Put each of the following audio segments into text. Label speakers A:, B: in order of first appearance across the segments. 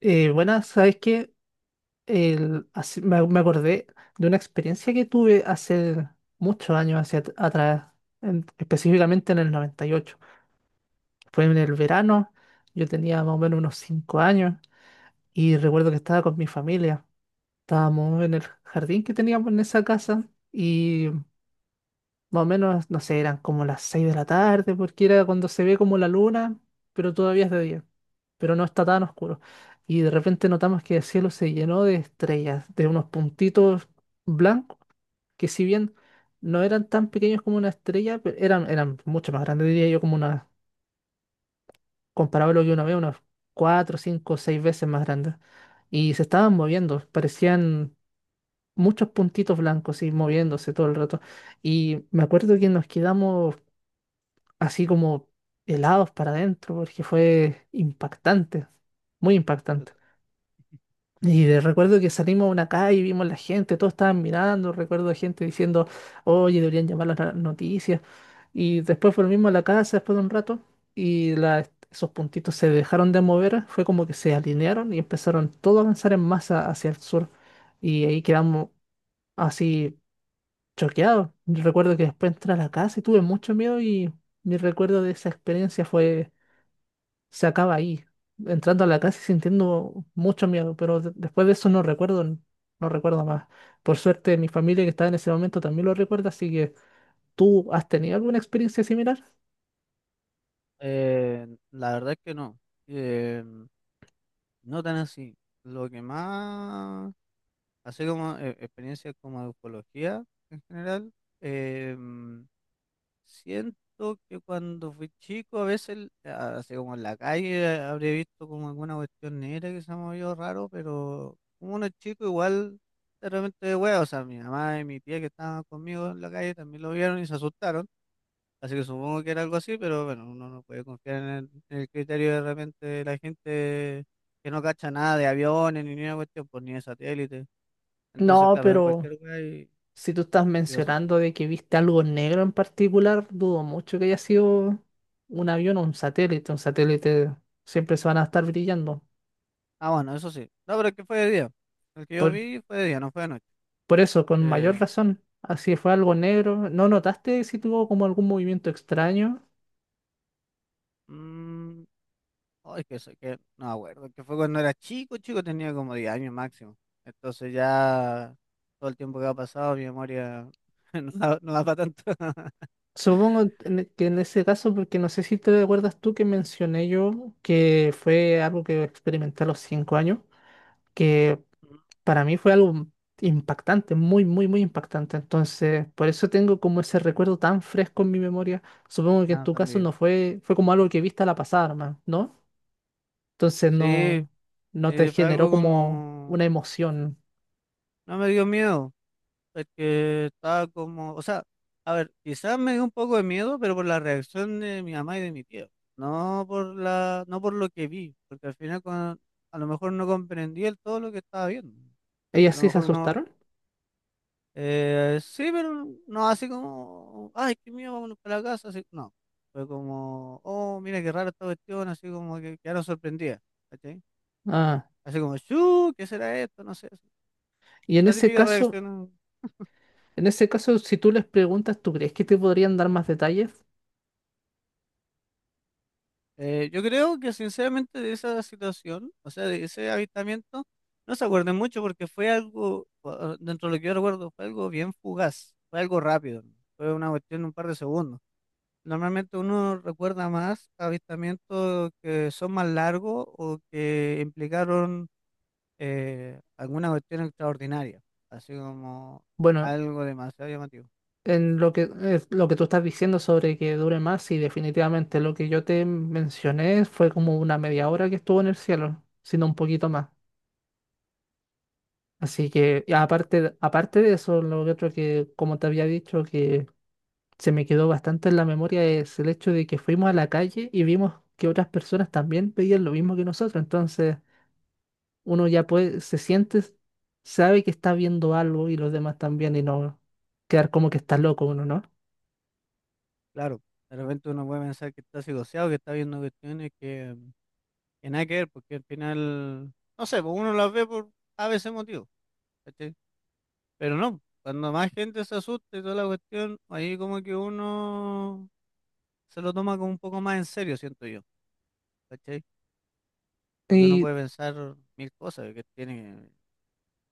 A: Bueno, ¿sabes que El- me acordé de una experiencia que tuve hace muchos años hacia atrás, específicamente en el 98. Fue en el verano, yo tenía más o menos unos 5 años y recuerdo que estaba con mi familia. Estábamos en el jardín que teníamos en esa casa y más o menos, no sé, eran como las 6 de la tarde, porque era cuando se ve como la luna, pero todavía es de día, pero no está tan oscuro. Y de repente notamos que el cielo se llenó de estrellas, de unos puntitos blancos, que si bien no eran tan pequeños como una estrella, eran mucho más grandes, diría yo, como una, comparable a lo que uno ve, unas 4, 5, 6 veces más grandes. Y se estaban moviendo, parecían muchos puntitos blancos y moviéndose todo el rato. Y me acuerdo que nos quedamos así como helados para adentro, porque fue impactante, muy
B: Yo- t-
A: impactante. Y
B: ¿Ya?
A: recuerdo que salimos a una calle y vimos la gente, todos estaban mirando, recuerdo gente diciendo, oye, deberían llamar a las noticias. Y después volvimos a la casa después de un rato y esos puntitos se dejaron de mover, fue como que se alinearon y empezaron todos a avanzar en masa hacia el sur. Y ahí quedamos así choqueados. Recuerdo que después entré a la casa y tuve mucho miedo y mi recuerdo de esa experiencia fue, se acaba ahí, entrando a la casa y sintiendo mucho miedo, pero después de eso no recuerdo, no recuerdo más. Por suerte, mi familia que estaba en ese momento también lo recuerda, así que ¿tú has tenido alguna experiencia similar?
B: Eh, la verdad es que no. Eh, no tan así. Lo que más, así como experiencias como de ufología en general, eh, mm, siento que cuando fui chico, a veces, así como en la calle, habría visto como alguna cuestión negra que se me movió raro, pero como uno es chico, igual de repente, hueá, o sea, mi mamá y mi tía que estaban conmigo en la calle también lo vieron y se asustaron. Así que supongo que era algo así, pero bueno, uno no puede confiar en el criterio de repente de la gente que no cacha nada de aviones ni ninguna cuestión, pues ni de satélite. Entonces,
A: No,
B: claro, ven
A: pero
B: cualquier lugar y,
A: si tú estás
B: y lo asustan.
A: mencionando de que viste algo negro en particular, dudo mucho que haya sido un avión o un satélite. Un satélite siempre se van a estar brillando.
B: Ah, bueno, eso sí. No, pero es que fue de día. El que yo
A: Por,
B: vi fue de día, no fue de noche.
A: por eso, con mayor
B: Eh,
A: razón. Así fue algo negro. ¿No notaste si tuvo como algún movimiento extraño?
B: mm, oh, es que, sé que no me acuerdo, que fue cuando era chico, chico tenía como 10 años máximo. Entonces ya todo el tiempo que ha pasado, mi memoria no da, no da para tanto.
A: Supongo que en ese caso, porque no sé si te acuerdas tú que mencioné yo que fue algo que experimenté a los 5 años, que para mí fue algo impactante, muy, muy, muy impactante. Entonces, por eso tengo como ese recuerdo tan fresco en mi memoria. Supongo que en
B: No,
A: tu caso no
B: también.
A: fue, fue como algo que viste a la pasada, nomás, ¿no? Entonces
B: Sí.
A: no, no te
B: Fue
A: generó
B: algo
A: como
B: como,
A: una emoción.
B: no me dio miedo, porque estaba como, o sea, a ver, quizás me dio un poco de miedo, pero por la reacción de mi mamá y de mi tío, no por la, no por lo que vi, porque al final a lo mejor no comprendí el todo lo que estaba viendo,
A: ¿Ellas
B: a lo
A: sí se
B: mejor uno,
A: asustaron?
B: sí, pero no así como, ay, qué miedo, vámonos para la casa, así, no, fue como, oh, mira qué rara esta cuestión, así como que quedaron sorprendidas, ¿cachai?
A: Ah,
B: Así como, "Chu, ¿qué será esto? No sé", así,
A: y en
B: la
A: ese
B: típica
A: caso,
B: reacción.
A: en ese caso, si tú les preguntas, ¿tú crees que te podrían dar más detalles?
B: Yo creo que sinceramente de esa situación, o sea, de ese avistamiento, no se acuerden mucho porque fue algo, dentro de lo que yo recuerdo, fue algo bien fugaz, fue algo rápido, ¿no? Fue una cuestión de un par de segundos. Normalmente uno recuerda más avistamientos que son más largos o que implicaron alguna cuestión extraordinaria, así como
A: Bueno,
B: algo demasiado llamativo.
A: en lo que, es lo que tú estás diciendo sobre que dure más, sí, definitivamente lo que yo te mencioné fue como una media hora que estuvo en el cielo, sino un poquito más. Así que, y aparte, aparte de eso, lo otro que, como te había dicho, que se me quedó bastante en la memoria es el hecho de que fuimos a la calle y vimos que otras personas también pedían lo mismo que nosotros. Entonces, uno ya puede, se siente, sabe que está viendo algo y los demás también, y no quedar como que está loco uno, ¿no?
B: Claro, de repente uno puede pensar que está psicoseado, que está viendo cuestiones que nada que ver, porque al final, no sé, pues uno las ve por a veces motivo, ¿cachai? Pero no, cuando más gente se asusta y toda la cuestión, ahí como que uno se lo toma como un poco más en serio, siento yo, ¿cachai? Porque uno
A: Y.
B: puede pensar mil cosas, que tiene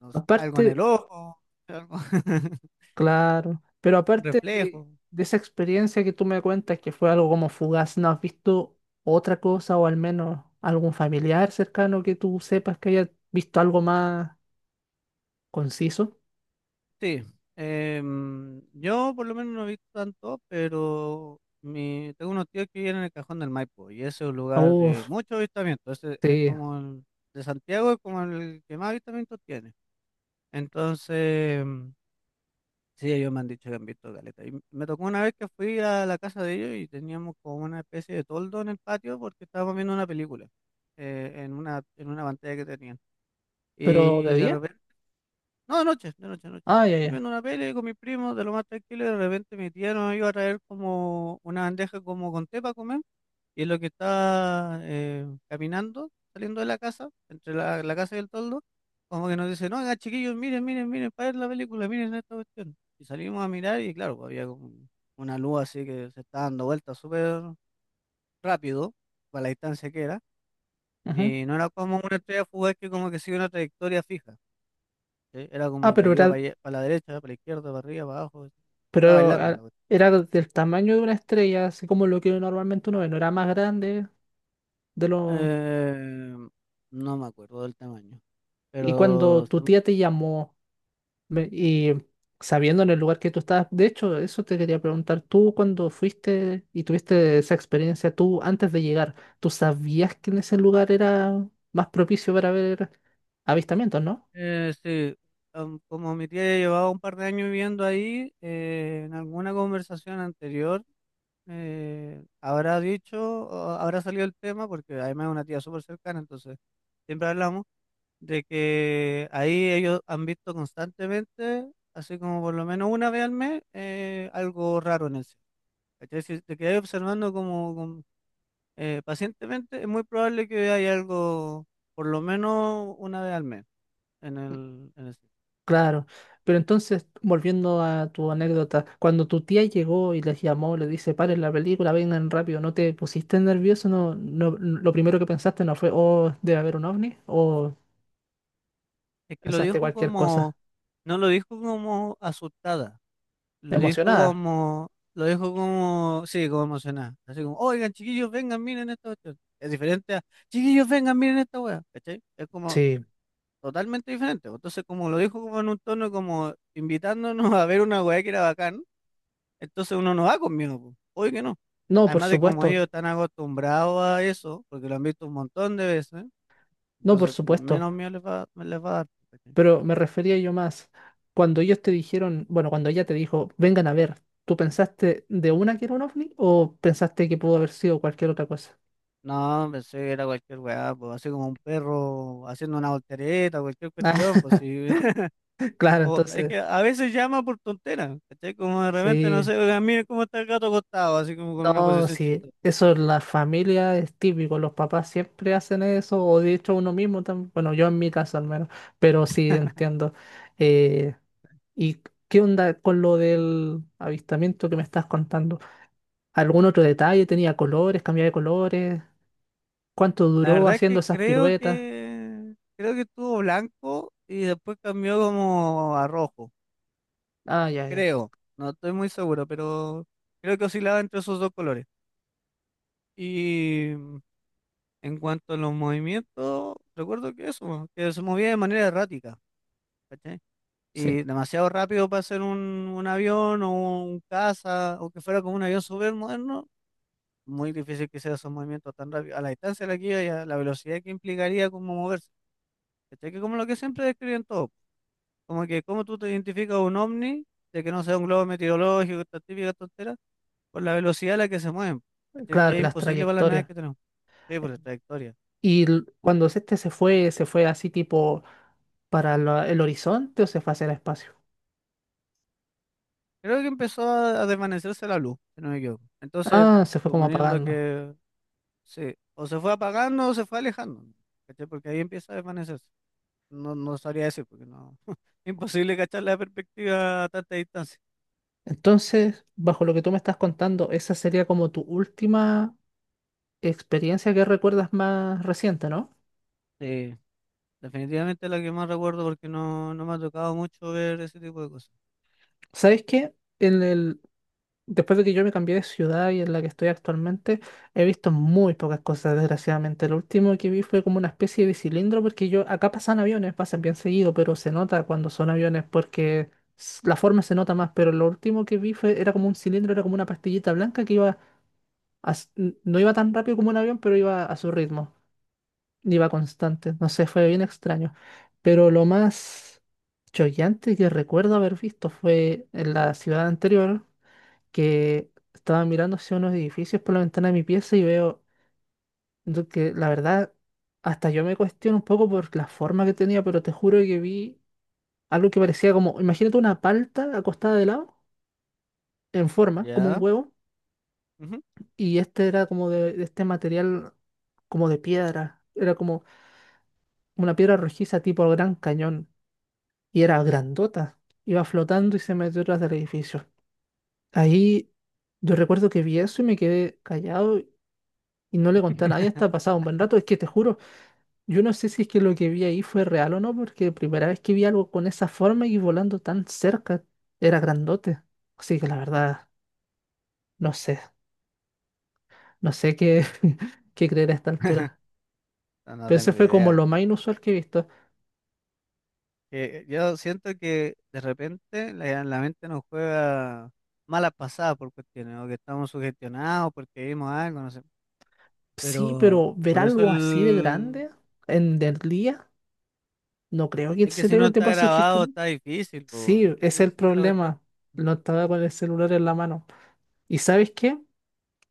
B: no sé, algo en el
A: Aparte
B: ojo, algo,
A: Claro, pero
B: un
A: aparte de,
B: reflejo.
A: de esa experiencia que tú me cuentas, que fue algo como fugaz, ¿no has visto otra cosa o al menos algún familiar cercano que tú sepas que haya visto algo más conciso?
B: Sí, yo por lo menos no he visto tanto, pero tengo unos tíos que viven en el Cajón del Maipo y ese es un lugar de
A: Uf,
B: mucho avistamiento. Ese es
A: sí,
B: como el de Santiago, es como el que más avistamientos tiene. Entonces, sí, ellos me han dicho que han visto caleta. Y me tocó una vez que fui a la casa de ellos y teníamos como una especie de toldo en el patio porque estábamos viendo una película en una pantalla que tenían.
A: pero
B: Y
A: de
B: de
A: día.
B: repente no, de noche, de noche, de noche.
A: Ah, ya,
B: Estamos
A: ya.
B: viendo una peli con mis primos, de lo más tranquilo, y de repente mi tía nos iba a traer como una bandeja como con té para comer, y es lo que está caminando, saliendo de la casa, entre la casa y el toldo, como que nos dice, no, oigan, chiquillos, miren, miren, miren, para ver la película, miren esta cuestión. Y salimos a mirar y claro, pues, había como una luz así que se está dando vueltas súper rápido, para la distancia que era,
A: Ujú.
B: y no era como una estrella fugaz que como que sigue una trayectoria fija. ¿Sí? Era
A: Ah,
B: como que iba para la derecha, para la izquierda, para arriba, para abajo. ¿Sí? Estaba
A: pero
B: bailando la
A: ah,
B: cuestión.
A: era del tamaño de una estrella, así como lo que normalmente uno ve, no era más grande de lo...
B: Eh, no me acuerdo del tamaño,
A: Y cuando
B: pero
A: tu tía te llamó, y sabiendo en el lugar que tú estabas, de hecho, eso te quería preguntar, tú cuando fuiste y tuviste esa experiencia, tú antes de llegar, ¿tú sabías que en ese lugar era más propicio para ver avistamientos, no?
B: sí, como mi tía ya llevaba un par de años viviendo ahí, en alguna conversación anterior habrá dicho, o habrá salido el tema, porque además es una tía súper cercana, entonces siempre hablamos de que ahí ellos han visto constantemente, así como por lo menos una vez al mes, algo raro en el cielo. ¿Cachai? Si te quedas observando pacientemente, es muy probable que haya algo, por lo menos una vez al mes, en el ciclo.
A: Claro, pero entonces, volviendo a tu anécdota, cuando tu tía llegó y les llamó, le dice, paren la película, vengan rápido, ¿no te pusiste nervioso? No, no, lo primero que pensaste no fue, oh, debe haber un ovni, o
B: Es que lo
A: pensaste
B: dijo
A: cualquier
B: como,
A: cosa
B: no lo dijo como asustada, lo dijo
A: emocionada.
B: como, lo dijo como, sí, como emocionada. Así como, oigan, chiquillos, vengan, miren esta cuestión. Es diferente a, chiquillos, vengan, miren esta wea, ¿cachai? Es como
A: Sí.
B: totalmente diferente. Entonces, como lo dijo como en un tono como invitándonos a ver una wea que era bacán. Entonces uno no va conmigo, po. Obvio que no.
A: No, por
B: Además de como ellos
A: supuesto.
B: están acostumbrados a eso, porque lo han visto un montón de veces,
A: No, por
B: entonces
A: supuesto,
B: menos miedo les va, me les va a dar. ¿Cachai?
A: pero me refería yo más. Cuando ellos te dijeron, bueno, cuando ella te dijo, vengan a ver, ¿tú pensaste de una que era un ovni o pensaste que pudo haber sido cualquier otra cosa?
B: No, pensé que era cualquier weá, pues así como un perro haciendo una voltereta, cualquier
A: Ah,
B: cuestión, pues sí.
A: claro,
B: Es
A: entonces,
B: que a veces llama por tontera, ¿cachai? Como de repente, no
A: sí,
B: sé, oigan, miren cómo está el gato acostado, así como con una
A: no,
B: posición
A: sí,
B: chistosa.
A: eso en la familia es típico, los papás siempre hacen eso, o de hecho uno mismo también, bueno, yo en mi caso al menos, pero sí entiendo. Eh, ¿Y qué onda con lo del avistamiento que me estás contando? ¿Algún otro detalle? ¿Tenía colores? ¿Cambiaba de colores? ¿Cuánto
B: La
A: duró
B: verdad es que
A: haciendo esas
B: creo
A: piruetas?
B: que creo que estuvo blanco y después cambió como a rojo.
A: Ah, ya, ya.
B: Creo, no estoy muy seguro, pero creo que oscilaba entre esos dos colores. Y en cuanto a los movimientos, recuerdo que eso, que se movía de manera errática, ¿cachai?
A: Sí,
B: Y demasiado rápido para ser un avión o un caza, o que fuera como un avión súper moderno, muy difícil que sea esos movimientos tan rápidos, a la distancia de la que iba y a la velocidad que implicaría como moverse. ¿Cachai? Que como lo que siempre describen todos, como que cómo tú te identificas un ovni, de que no sea un globo meteorológico, esta típica tontera por la velocidad a la que se mueven. ¿Cachai?
A: claro,
B: Que
A: y
B: es
A: las
B: imposible para las naves
A: trayectorias.
B: que tenemos. Sí, por la trayectoria.
A: Y cuando este ¿se fue así tipo para el horizonte o se fue hacia el espacio?
B: Creo que empezó a desvanecerse la luz, si no me equivoco. Entonces,
A: Ah, se fue como
B: suponiendo
A: apagando.
B: que sí, o se fue apagando o se fue alejando, ¿cachai? Porque ahí empieza a desvanecerse. No, no sabría decir, porque no. Imposible cachar la perspectiva a tanta distancia.
A: Entonces, bajo lo que tú me estás contando, esa sería como tu última experiencia que recuerdas más reciente, ¿no?
B: Sí, definitivamente la que más recuerdo porque no, no me ha tocado mucho ver ese tipo de cosas.
A: ¿Sabes qué? Después de que yo me cambié de ciudad y en la que estoy actualmente, he visto muy pocas cosas, desgraciadamente. Lo último que vi fue como una especie de cilindro, porque yo, acá pasan aviones, pasan bien seguido, pero se nota cuando son aviones, porque la forma se nota más, pero lo último que vi fue, era como un cilindro, era como una pastillita blanca que iba, no iba tan rápido como un avión, pero iba a su ritmo, iba constante. No sé, fue bien extraño. Pero lo más choqueante que recuerdo haber visto fue en la ciudad anterior, que estaba mirando hacia unos edificios por la ventana de mi pieza y veo lo que, la verdad, hasta yo me cuestiono un poco por la forma que tenía, pero te juro que vi algo que parecía como, imagínate una palta acostada de lado, en forma, como un
B: ¿Ya?
A: huevo,
B: Ujú.
A: y este era como de este material como de piedra, era como una piedra rojiza tipo Gran Cañón, y era grandota, iba flotando y se metió detrás del edificio. Ahí yo recuerdo que vi eso y me quedé callado y no le conté a nadie hasta pasado un buen rato. Es que te juro, yo no sé si es que lo que vi ahí fue real o no, porque primera vez que vi algo con esa forma y volando tan cerca, era grandote. Así que la verdad, no sé, no sé qué, qué creer a esta altura.
B: No, no
A: Pero ese
B: tengo
A: fue como
B: idea.
A: lo más inusual que he visto.
B: Yo siento que de repente la mente nos juega malas pasadas por cuestiones, o que estamos sugestionados porque vimos algo, no sé.
A: Sí,
B: Pero
A: pero ver
B: por eso
A: algo así de grande en del día, no creo que el
B: es que si no
A: cerebro te
B: está
A: pueda
B: grabado
A: sugestionar.
B: está difícil, po,
A: Sí,
B: weón,
A: ese es
B: ¿cachai? Si
A: el
B: esa es la cuestión.
A: problema. No estaba con el celular en la mano. ¿Y sabes qué?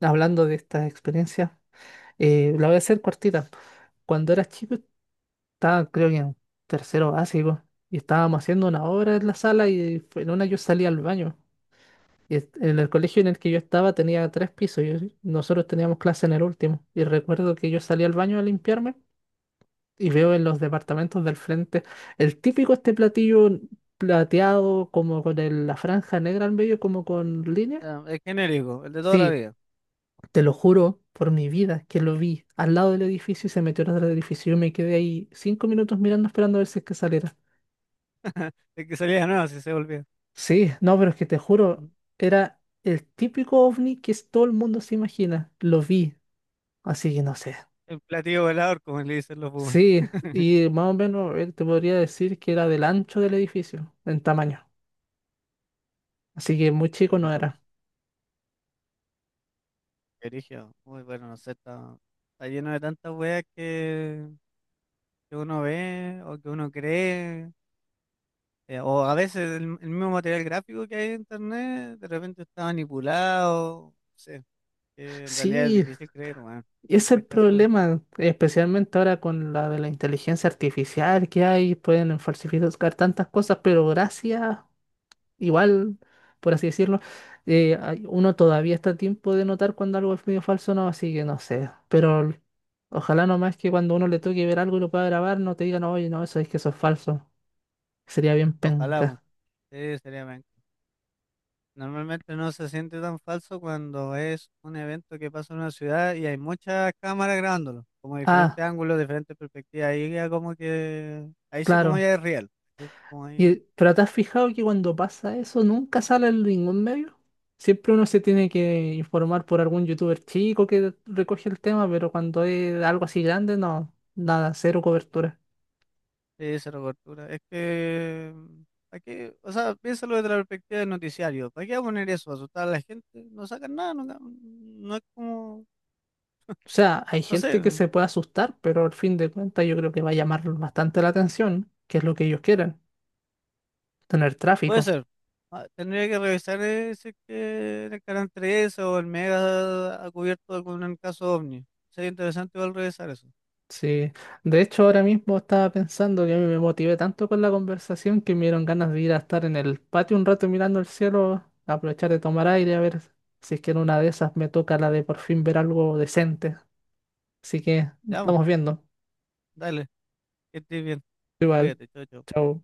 A: Hablando de estas experiencias. La voy a hacer cortita. Cuando era chico, estaba creo que en tercero básico y estábamos haciendo una obra en la sala y en una yo salí al baño. Y en el colegio en el que yo estaba tenía 3 pisos y nosotros teníamos clase en el último. Y recuerdo que yo salí al baño a limpiarme y veo en los departamentos del frente el típico este platillo plateado como con la franja negra al medio como con
B: O
A: líneas.
B: sea, es genérico, el de toda la
A: Sí,
B: vida.
A: te lo juro por mi vida que lo vi al lado del edificio y se metió atrás del edificio. Yo me quedé ahí 5 minutos mirando, esperando a ver si es que saliera.
B: El que salía de nuevo, si se volvía.
A: Sí, no, pero es que te juro, era el típico ovni que todo el mundo se imagina. Lo vi, así que no sé.
B: El platillo velador, como le dicen los públicos.
A: Sí, y más o menos, a ver, te podría decir que era del ancho del edificio, en tamaño. Así que muy chico
B: Creo que
A: no
B: lo
A: era.
B: que origen, muy bueno, no sé, está lleno de tantas weas que uno ve o que uno cree. O a veces el mismo material gráfico que hay en internet de repente está manipulado. No sé, que en realidad es
A: Sí,
B: difícil creer, weón.
A: y
B: Es
A: ese es el
B: penca esa weá.
A: problema, especialmente ahora con la de la inteligencia artificial que hay, pueden falsificar tantas cosas, pero gracias, igual, por así decirlo, uno todavía está a tiempo de notar cuando algo es medio falso o no, así que no sé, pero ojalá nomás que cuando uno le toque ver algo y lo pueda grabar, no te digan, oye, no, eso es que eso es falso, sería bien
B: Ojalá, weón.
A: penca.
B: Sí, sería penca. Normalmente no se siente tan falso cuando es un evento que pasa en una ciudad y hay muchas cámaras grabándolo, como diferentes
A: Ah,
B: ángulos, diferentes perspectivas. Ahí ya como que, ahí sí como
A: claro.
B: ya es real. ¿Cachai? Como ahí
A: Y, pero ¿te has fijado que cuando pasa eso nunca sale en ningún medio? Siempre uno se tiene que informar por algún youtuber chico que recoge el tema, pero cuando es algo así grande, no, nada, cero cobertura.
B: Sí, cero cobertura. Es que, ¿para qué? O sea, piénsalo desde la perspectiva del noticiario. ¿Para qué va a poner eso? ¿Asustar a la gente? No sacan nada, no, no es como,
A: O sea, hay
B: no sé,
A: gente que se puede asustar, pero al fin de cuentas yo creo que va a llamar bastante la atención, que es lo que ellos quieren, tener
B: puede
A: tráfico.
B: ser. Ah, tendría que revisar si es que en el canal 13 o el Mega ha cubierto algún caso OVNI. Sería interesante igual revisar eso.
A: Sí, de hecho ahora mismo estaba pensando que a mí me motivé tanto con la conversación que me dieron ganas de ir a estar en el patio un rato mirando el cielo, aprovechar de tomar aire, a ver si es que en una de esas me toca la de por fin ver algo decente. Así que nos
B: Ya, vamos,
A: estamos viendo.
B: dale, que estés bien.
A: Igual,
B: Cuídate, chao, chao.
A: chao.